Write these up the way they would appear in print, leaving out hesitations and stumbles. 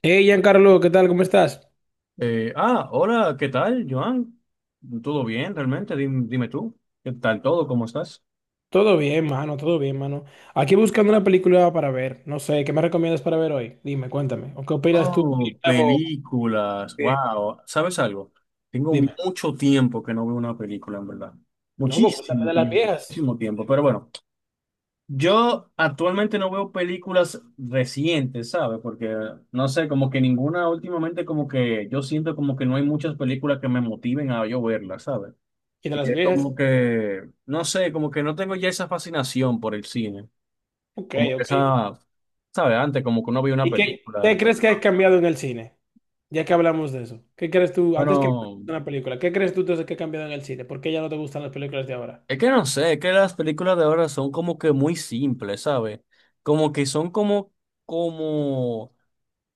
Hey, Giancarlo, ¿qué tal? ¿Cómo estás? Hola, ¿qué tal, Joan? ¿Todo bien, realmente? Dime, tú, ¿qué tal todo? ¿Cómo estás? Todo bien, mano, todo bien, mano. Aquí buscando una película para ver. No sé, ¿qué me recomiendas para ver hoy? Dime, cuéntame. ¿O qué opinas tú Oh, del nuevo? películas, Eh, wow. ¿Sabes algo? Tengo Dime. mucho tiempo que no veo una película, en verdad. No, pues cuéntame Muchísimo de las tiempo, viejas. muchísimo tiempo. Pero bueno, yo actualmente no veo películas recientes, ¿sabes? Porque, no sé, como que ninguna últimamente, como que yo siento como que no hay muchas películas que me motiven a yo verlas, ¿sabes? ¿Y de Y las es viejas? como que, no sé, como que no tengo ya esa fascinación por el cine. Ok, Como que ok. esa, ¿sabes? Antes, como que uno veía una ¿Y qué, película, qué ¿no? crees que ha cambiado en el cine? Ya que hablamos de eso. ¿Qué crees tú, antes que me cuentes Bueno, una película, qué crees tú entonces que ha cambiado en el cine? ¿Por qué ya no te gustan las películas de ahora? es que no sé, es que las películas de ahora son como que muy simples, ¿sabes? Como que son como,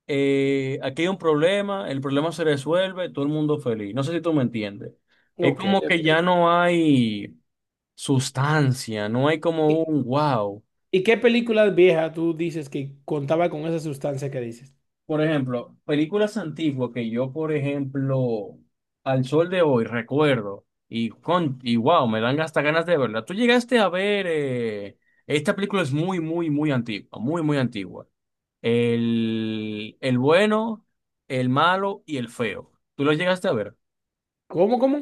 aquí hay un problema, el problema se resuelve, todo el mundo feliz. No sé si tú me entiendes. Es Ok, como que ok. ya no hay sustancia, no hay ¿Y como un wow. Qué película vieja tú dices que contaba con esa sustancia que dices? Por ejemplo, películas antiguas que yo, por ejemplo, al sol de hoy recuerdo y con y wow, me dan hasta ganas de verla. Tú llegaste a ver esta película es muy, muy, muy antigua, muy, muy antigua. El bueno, el malo y el feo. ¿Tú lo llegaste a ver? ¿Cómo, cómo?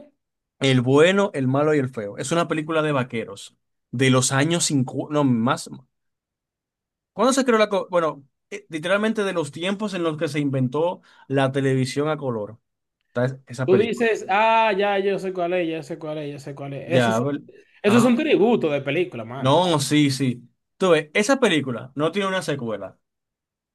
El bueno, el malo y el feo. Es una película de vaqueros de los años 50, no, más. ¿Cuándo se creó la... co- Bueno, literalmente de los tiempos en los que se inventó la televisión a color. Esa Tú película. dices, ah, ya, yo sé cuál es, ya sé cuál es, ya sé cuál es. Eso Ya, son, ¿ver- esos son ah, tributo de película, mano. no, sí, sí. Tú ves, esa película no tiene una secuela,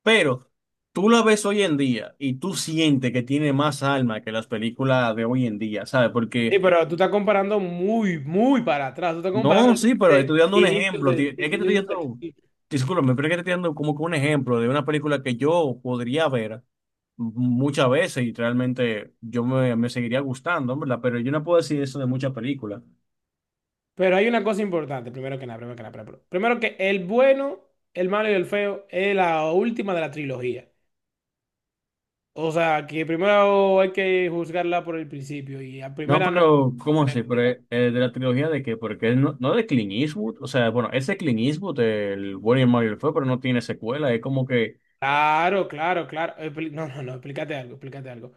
pero tú la ves hoy en día y tú sientes que tiene más alma que las películas de hoy en día, ¿sabes? Porque Sí, pero tú estás comparando muy, muy para atrás. Tú estás comparando no, sí, pero de estoy dando un ejemplo. Es que te estoy inicios del dando, siglo. discúlpame, pero es que te estoy dando como que un ejemplo de una película que yo podría ver muchas veces y realmente yo me seguiría gustando, ¿verdad? Pero yo no puedo decir eso de muchas películas. Pero hay una cosa importante, primero que nada, primero que nada. Primero que el bueno, el malo y el feo es la última de la trilogía. O sea, que primero hay que juzgarla por el principio y a No, primera no se pero, ¿cómo puede así? Pero, criticar. ¿De la trilogía de qué? Porque él no de Clint Eastwood, o sea, bueno, ese Clint Eastwood, el bueno y el malo y el feo, pero no tiene secuela, es como que, Claro, claro, claro. Expli- No, no, no, explícate algo, explícate algo.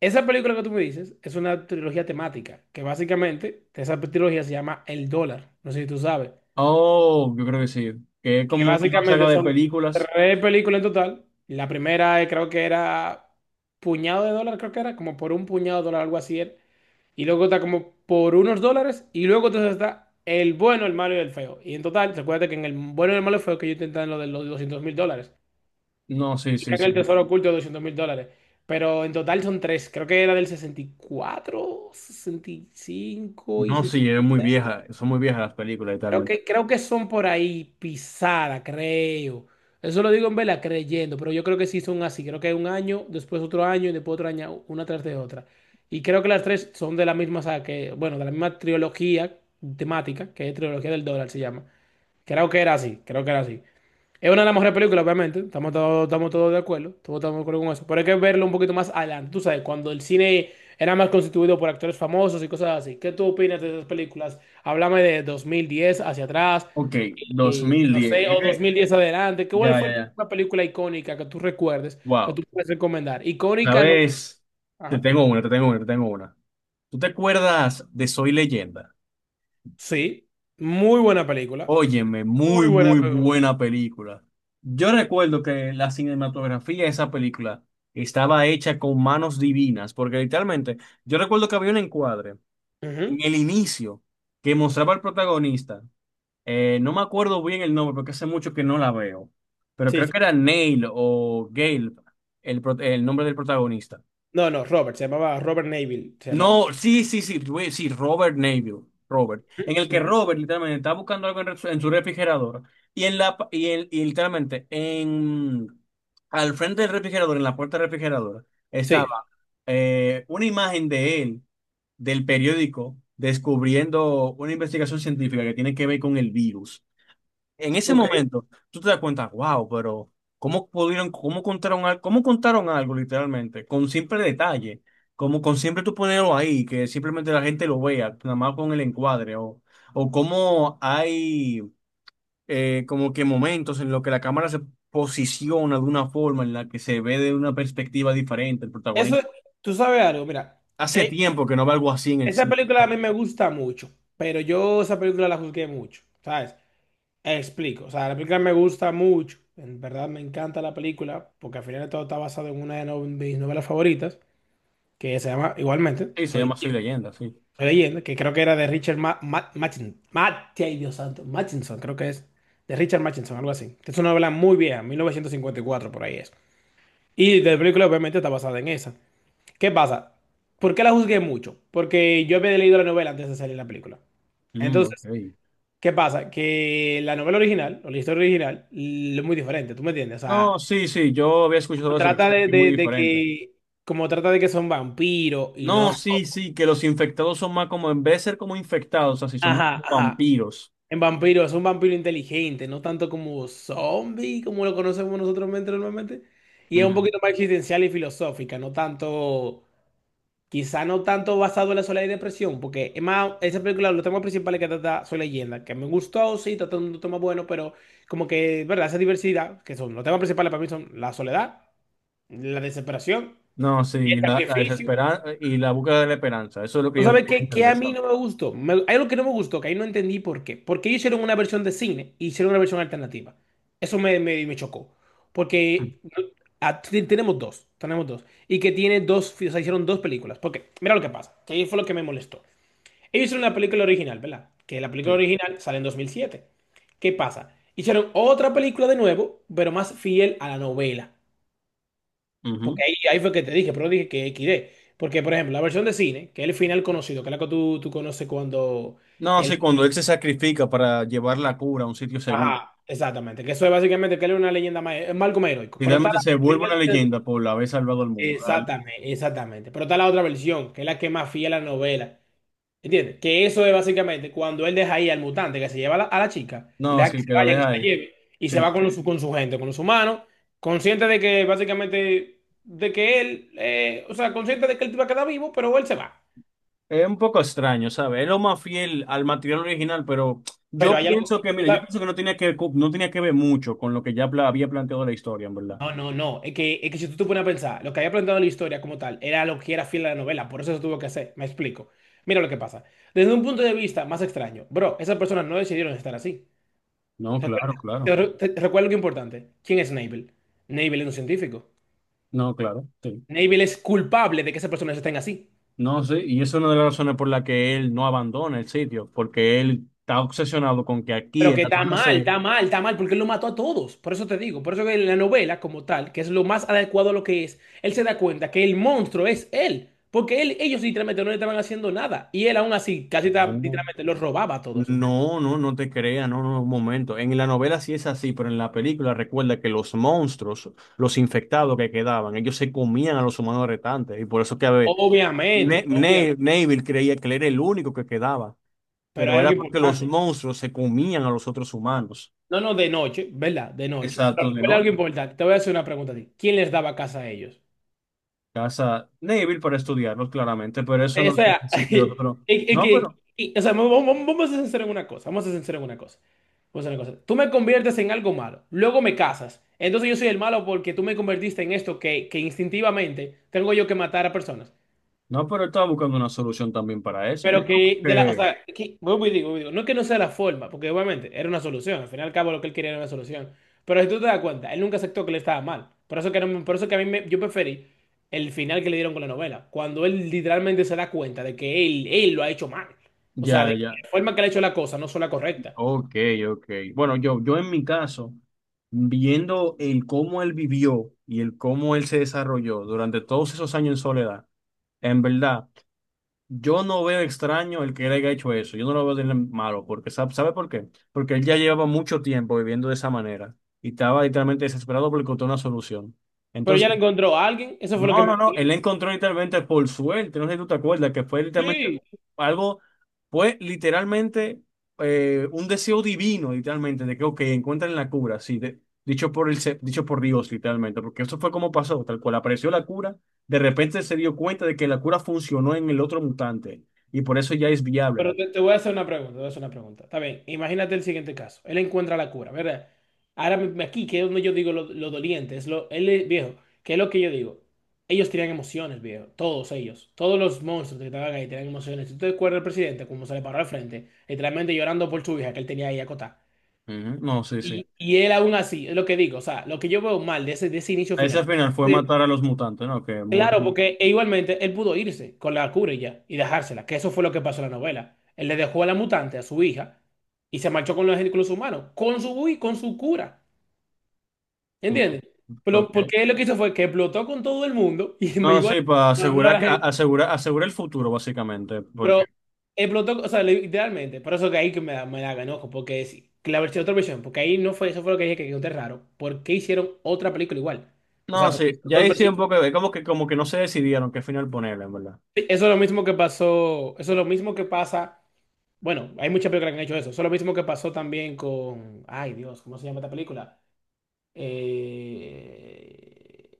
Esa película que tú me dices es una trilogía temática, que básicamente esa trilogía se llama El Dólar, no sé si tú sabes, oh, yo creo que sí, que es que como una básicamente saga de son películas. tres películas en total. La primera, creo que era puñado de dólar, creo que era, como por un puñado de dólar, algo así era. Y luego está como por unos dólares, y luego entonces está el bueno, el malo y el feo. Y en total, recuerda que en el bueno, el malo y el feo que yo intenté en lo de los $200,000. No, sí, sí, Creo que el sí. tesoro oculto $200,000. Pero en total son tres. Creo que era del 64 sesenta y No, 66. sí, es muy vieja, son muy viejas las películas y Creo que son por ahí pisada, creo. Eso lo digo en vela creyendo, pero yo creo que sí son así. Creo que un año, después otro año y después otro año, una tras de otra. Y creo que las tres son de la misma saga, que, bueno, de la misma trilogía temática, que es trilogía del dólar se llama. Creo que era así, creo que era así. Es una de las mejores películas, obviamente. Estamos todos de acuerdo. Todos estamos de acuerdo con eso. Pero hay que verlo un poquito más adelante. Tú sabes, cuando el cine era más constituido por actores famosos y cosas así. ¿Qué tú opinas de esas películas? Háblame de 2010 hacia atrás, dos y mil no diez. sé, o dos mil diez adelante. ¿Qué cuál Ya, fue ya, ya. una película icónica que tú recuerdes, que Wow. tú puedes recomendar? Icónica, no. ¿Sabes? Te Ajá. tengo una, te tengo una, te tengo una. ¿Tú te acuerdas de Soy Leyenda? Sí. Muy buena película. Óyeme, Muy muy, buena muy película. buena película. Yo recuerdo que la cinematografía de esa película estaba hecha con manos divinas, porque literalmente, yo recuerdo que había un encuadre Ujú. en el inicio que mostraba al protagonista. No me acuerdo bien el nombre porque hace mucho que no la veo, pero Sí, creo que sí. era Neil o Gale, el nombre del protagonista. No, no, Robert. Se llamaba Robert Neville. Se llamaba. No, sí, sí, sí, güey, sí, Robert Neville, Robert, Ujú, en el que ujú. Robert literalmente está buscando algo en su refrigerador y en la pa- y, en- y literalmente en al frente del refrigerador, en la puerta del refrigerador, Sí. estaba una imagen de él del periódico descubriendo una investigación científica que tiene que ver con el virus. En ese Ok. momento, tú te das cuenta, wow, pero ¿cómo pudieron, cómo contaron algo literalmente? Con simple detalle, como con siempre tú ponerlo ahí, que simplemente la gente lo vea, nada más con el encuadre, o cómo hay como que momentos en los que la cámara se posiciona de una forma en la que se ve de una perspectiva diferente el Eso, protagonista. tú sabes algo, mira, Hace eh, tiempo que no veo algo así en el esa cine. película a Ah, mí me gusta mucho, pero yo esa película la juzgué mucho, ¿sabes? Explico, o sea, la película me gusta mucho, en verdad me encanta la película, porque al final de todo está basado en una de no- mis novelas favoritas, que se llama igualmente, sí, se Soy, llama Soy Leyenda, Leyenda, sí. Soy Leyenda, que creo que era de Richard Ma Ma- Machin- Mate- ay, Dios santo, Machinson, creo que es, de Richard Machinson, algo así. Es una novela muy vieja, 1954 por ahí es. Y la película obviamente está basada en esa. ¿Qué pasa? ¿Por qué la juzgué mucho? Porque yo había leído la novela antes de salir la película. Mm, ok. Entonces, ¿qué pasa? Que la novela original, o la historia original, l- es muy diferente, ¿tú me entiendes? O No, sea, sí, sí, yo había escuchado como eso, que es trata muy de diferente. que, como trata de que son vampiros y no, No, sí, sí, que los infectados son más como, en vez de ser como infectados, así son más ajá, como ajá, vampiros. en vampiro es un vampiro inteligente, no tanto como zombie, como lo conocemos nosotros mente- normalmente, y es un Ujú. poquito más existencial y filosófica, no tanto. Quizá no tanto basado en la soledad y depresión, porque es más, esa película, los temas principales que trata son leyenda, que me gustó, sí, trata un tema bueno, pero como que, ¿verdad? Esa diversidad, que son los temas principales para mí son la soledad, la desesperación, No, el sí, la sacrificio. desesperanza y la búsqueda de la esperanza, eso es lo que ¿Tú yo sabes puedo qué? Que entender, a mí ¿sabes? no me gustó. Me- hay algo que no me gustó, que ahí no entendí por qué. Porque ellos hicieron una versión de cine y hicieron una versión alternativa. Eso me chocó. Porque no, ah, t- tenemos dos, tenemos dos. Y que tiene dos, o sea, hicieron dos películas. Porque, mira lo que pasa, que ahí fue lo que me molestó. Ellos hicieron la película original, ¿verdad? Que la película Sí. original sale en 2007. ¿Qué pasa? Hicieron otra película de nuevo, pero más fiel a la novela. Ujú. Porque ahí, ahí fue que te dije, pero dije que XD. Porque, por ejemplo, la versión de cine, que es el final conocido, que es la que tú conoces cuando... No, El... sí, cuando él se sacrifica para llevar la cura a un sitio seguro, Ajá, exactamente. Que eso es básicamente que él es una leyenda más... Es Malcolm heroico. Pero está literalmente la... se vuelve una leyenda por haber salvado al mundo. Exactamente, exactamente. Pero está la otra versión, que es la que es más fiel a la novela. ¿Entiendes? Que eso es básicamente cuando él deja ahí al mutante que se lleva a la chica, él No, deja que sí, se que la vaya, que deja se la ahí. lleve, y se Sí, va sí. Con su gente, con los humanos, consciente de que básicamente, de que él, o sea, consciente de que él va a quedar vivo, pero él se va. Es un poco extraño, ¿sabes? Es lo más fiel al material original, pero Pero yo hay algo, pienso que, o mira, yo sea, pienso que no tenía que, no tenía que ver mucho con lo que ya había planteado la historia, en verdad. no, no, no, es que si tú te pones a pensar, lo que había planteado la historia como tal era lo que era fiel a la novela, por eso se tuvo que hacer, me explico. Mira lo que pasa. Desde un punto de vista más extraño, bro, esas personas no decidieron estar así. No, Recuerda, claro, te claro. re- te- recuerda algo importante. ¿Quién es Navel? Navel es un científico. No, claro, sí. Navel es culpable de que esas personas estén así. No, sí, y eso es una de las razones por la que él no abandona el sitio, porque él está obsesionado con que aquí Pero en que la está zona mal, C, está mal, está mal, porque él lo mató a todos. Por eso te digo, por eso que en la novela como tal, que es lo más adecuado a lo que es, él se da cuenta que el monstruo es él. Porque él, ellos literalmente no le estaban haciendo nada. Y él aún así, casi ta- no, literalmente, los robaba a todos. no te creas, no, no, un momento. En la novela sí es así, pero en la película recuerda que los monstruos, los infectados que quedaban, ellos se comían a los humanos restantes, y por eso que a ver, Obviamente, obviamente. Neville creía que él era el único que quedaba, Pero pero hay algo era porque los importante. monstruos se comían a los otros humanos. No, no, de noche, ¿verdad? De noche. Pero Exacto, de recuerda algo noche. importante. Te voy a hacer una pregunta a ti. ¿Quién les daba casa a ellos? Casa débil para estudiarlos, claramente, pero eso O no quiere sea, decir que los eh, otros. eh, No, no, que- pero, que- o sea, vamos, vamos- vamos a ser sinceros en una cosa, vamos a ser sinceros en una cosa. Vamos a hacer una cosa. Tú me conviertes en algo malo, luego me casas. Entonces yo soy el malo porque tú me convertiste en esto que instintivamente tengo yo que matar a personas. no, pero estaba buscando una solución también para eso. No Pero es como que, de la, o que sea, que, vuelvo y digo, no es que no sea la forma, porque obviamente era una solución, al final y al cabo lo que él quería era una solución. Pero si tú te das cuenta, él nunca aceptó que le estaba mal. Por eso que, no me- por eso que a mí me- yo preferí el final que le dieron con la novela, cuando él literalmente se da cuenta de que él lo ha hecho mal. O sea, ya, de que ya. la forma que le ha hecho la cosa no fue la correcta. Ok, ok. Bueno, yo en mi caso, viendo el cómo él vivió y el cómo él se desarrolló durante todos esos años en soledad, en verdad, yo no veo extraño el que él haya hecho eso. Yo no lo veo de malo, porque ¿sabe, sabe por qué? Porque él ya llevaba mucho tiempo viviendo de esa manera y estaba literalmente desesperado por encontrar una solución. Pero Entonces, ya le encontró a alguien, eso fue lo que no, me no, no, dolió. él la encontró literalmente por suerte, no sé si tú te acuerdas, que fue literalmente Sí, algo, fue literalmente un deseo divino, literalmente, de que, ok, encuentren la cura, sí, dicho por el, dicho por Dios, literalmente, porque eso fue como pasó, tal cual, apareció la cura, de repente se dio cuenta de que la cura funcionó en el otro mutante, y por eso ya es viable. pero te voy a hacer una pregunta, te voy a hacer una pregunta. Está bien, imagínate el siguiente caso. Él encuentra la cura, ¿verdad? Ahora me- aquí, que es donde yo digo lo doliente, es lo, él es viejo, que es lo que yo digo. Ellos tenían emociones, viejo, todos ellos, todos los monstruos que estaban ahí tenían emociones. Si tú te acuerdas del presidente, como se le paró al frente, literalmente llorando por su hija que él tenía ahí acotada. Ujú, no, sí, sí. Y él aún así, es lo que digo, o sea, lo que yo veo mal de ese inicio Ese final. final fue matar a los mutantes, ¿no? Que muy... Claro, porque e igualmente él pudo irse con la cura y ya y dejársela, que eso fue lo que pasó en la novela. Él le dejó a la mutante, a su hija, y se marchó con los humanos, con su, y con su cura. ujú, ¿Entiendes? Pero, ok. porque él lo que hizo fue que explotó con todo el mundo y No, igual sí, para mandó a asegurar, la gente. asegurar, asegurar el futuro, básicamente, porque... Pero explotó, o sea, literalmente. Por eso que ahí que me da enojo, porque es la versión, otra versión, porque ahí no fue, eso fue lo que dije que quedó raro. ¿Por qué hicieron otra película igual? O no, sea, ¿por qué sí, hicieron ya dos ahí sí un versiones? poco, es como que no se decidieron qué final ponerle, en verdad. Sí, eso es lo mismo que pasó, eso es lo mismo que pasa. Bueno, hay muchas películas que han hecho eso. Eso es lo mismo que pasó también con. Ay, Dios, ¿cómo se llama esta película? Eh,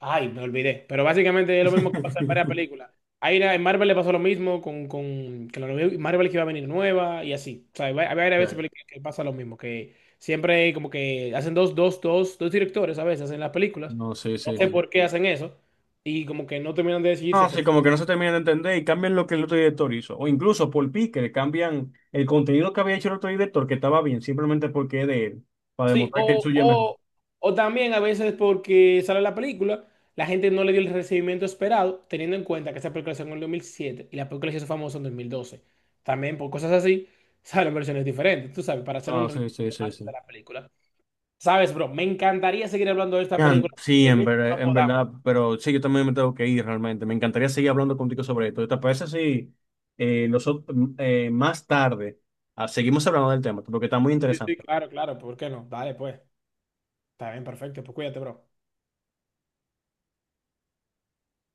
Ay, me olvidé. Pero básicamente es lo mismo que pasa en varias películas. Hay una- en Marvel le pasó lo mismo con que la nueva- Marvel que iba a venir nueva y así. O sea, hay va- hay varias Ya, veces ya. películas que pasa lo mismo. Que siempre como que hacen dos directores a veces en las películas. No, sí, No sí, sé sí. por qué hacen eso. Y como que no terminan de decidirse. No, sí, como que no se termina de entender y cambian lo que el otro director hizo. O incluso por Pique, cambian el contenido que había hecho el otro director, que estaba bien, simplemente porque es de él, para Sí, demostrar que el suyo es mejor. O también a veces porque sale la película, la gente no le dio el recibimiento esperado, teniendo en cuenta que esa película salió en el 2007 y la película se hizo famosa en 2012. También por cosas así, salen versiones diferentes, tú sabes, para hacer un No, resumen sí, sí, sí, de sí. la película. Sabes, bro, me encantaría seguir hablando de esta Yan, película, sí, que nunca la en podamos. verdad, pero sí, yo también me tengo que ir realmente. Me encantaría seguir hablando contigo sobre esto. ¿Te parece si nosotros, más tarde seguimos hablando del tema? Porque está muy Sí, sí, interesante. claro, claro, ¿por qué no? Dale, pues. Está bien, perfecto, pues cuídate, bro.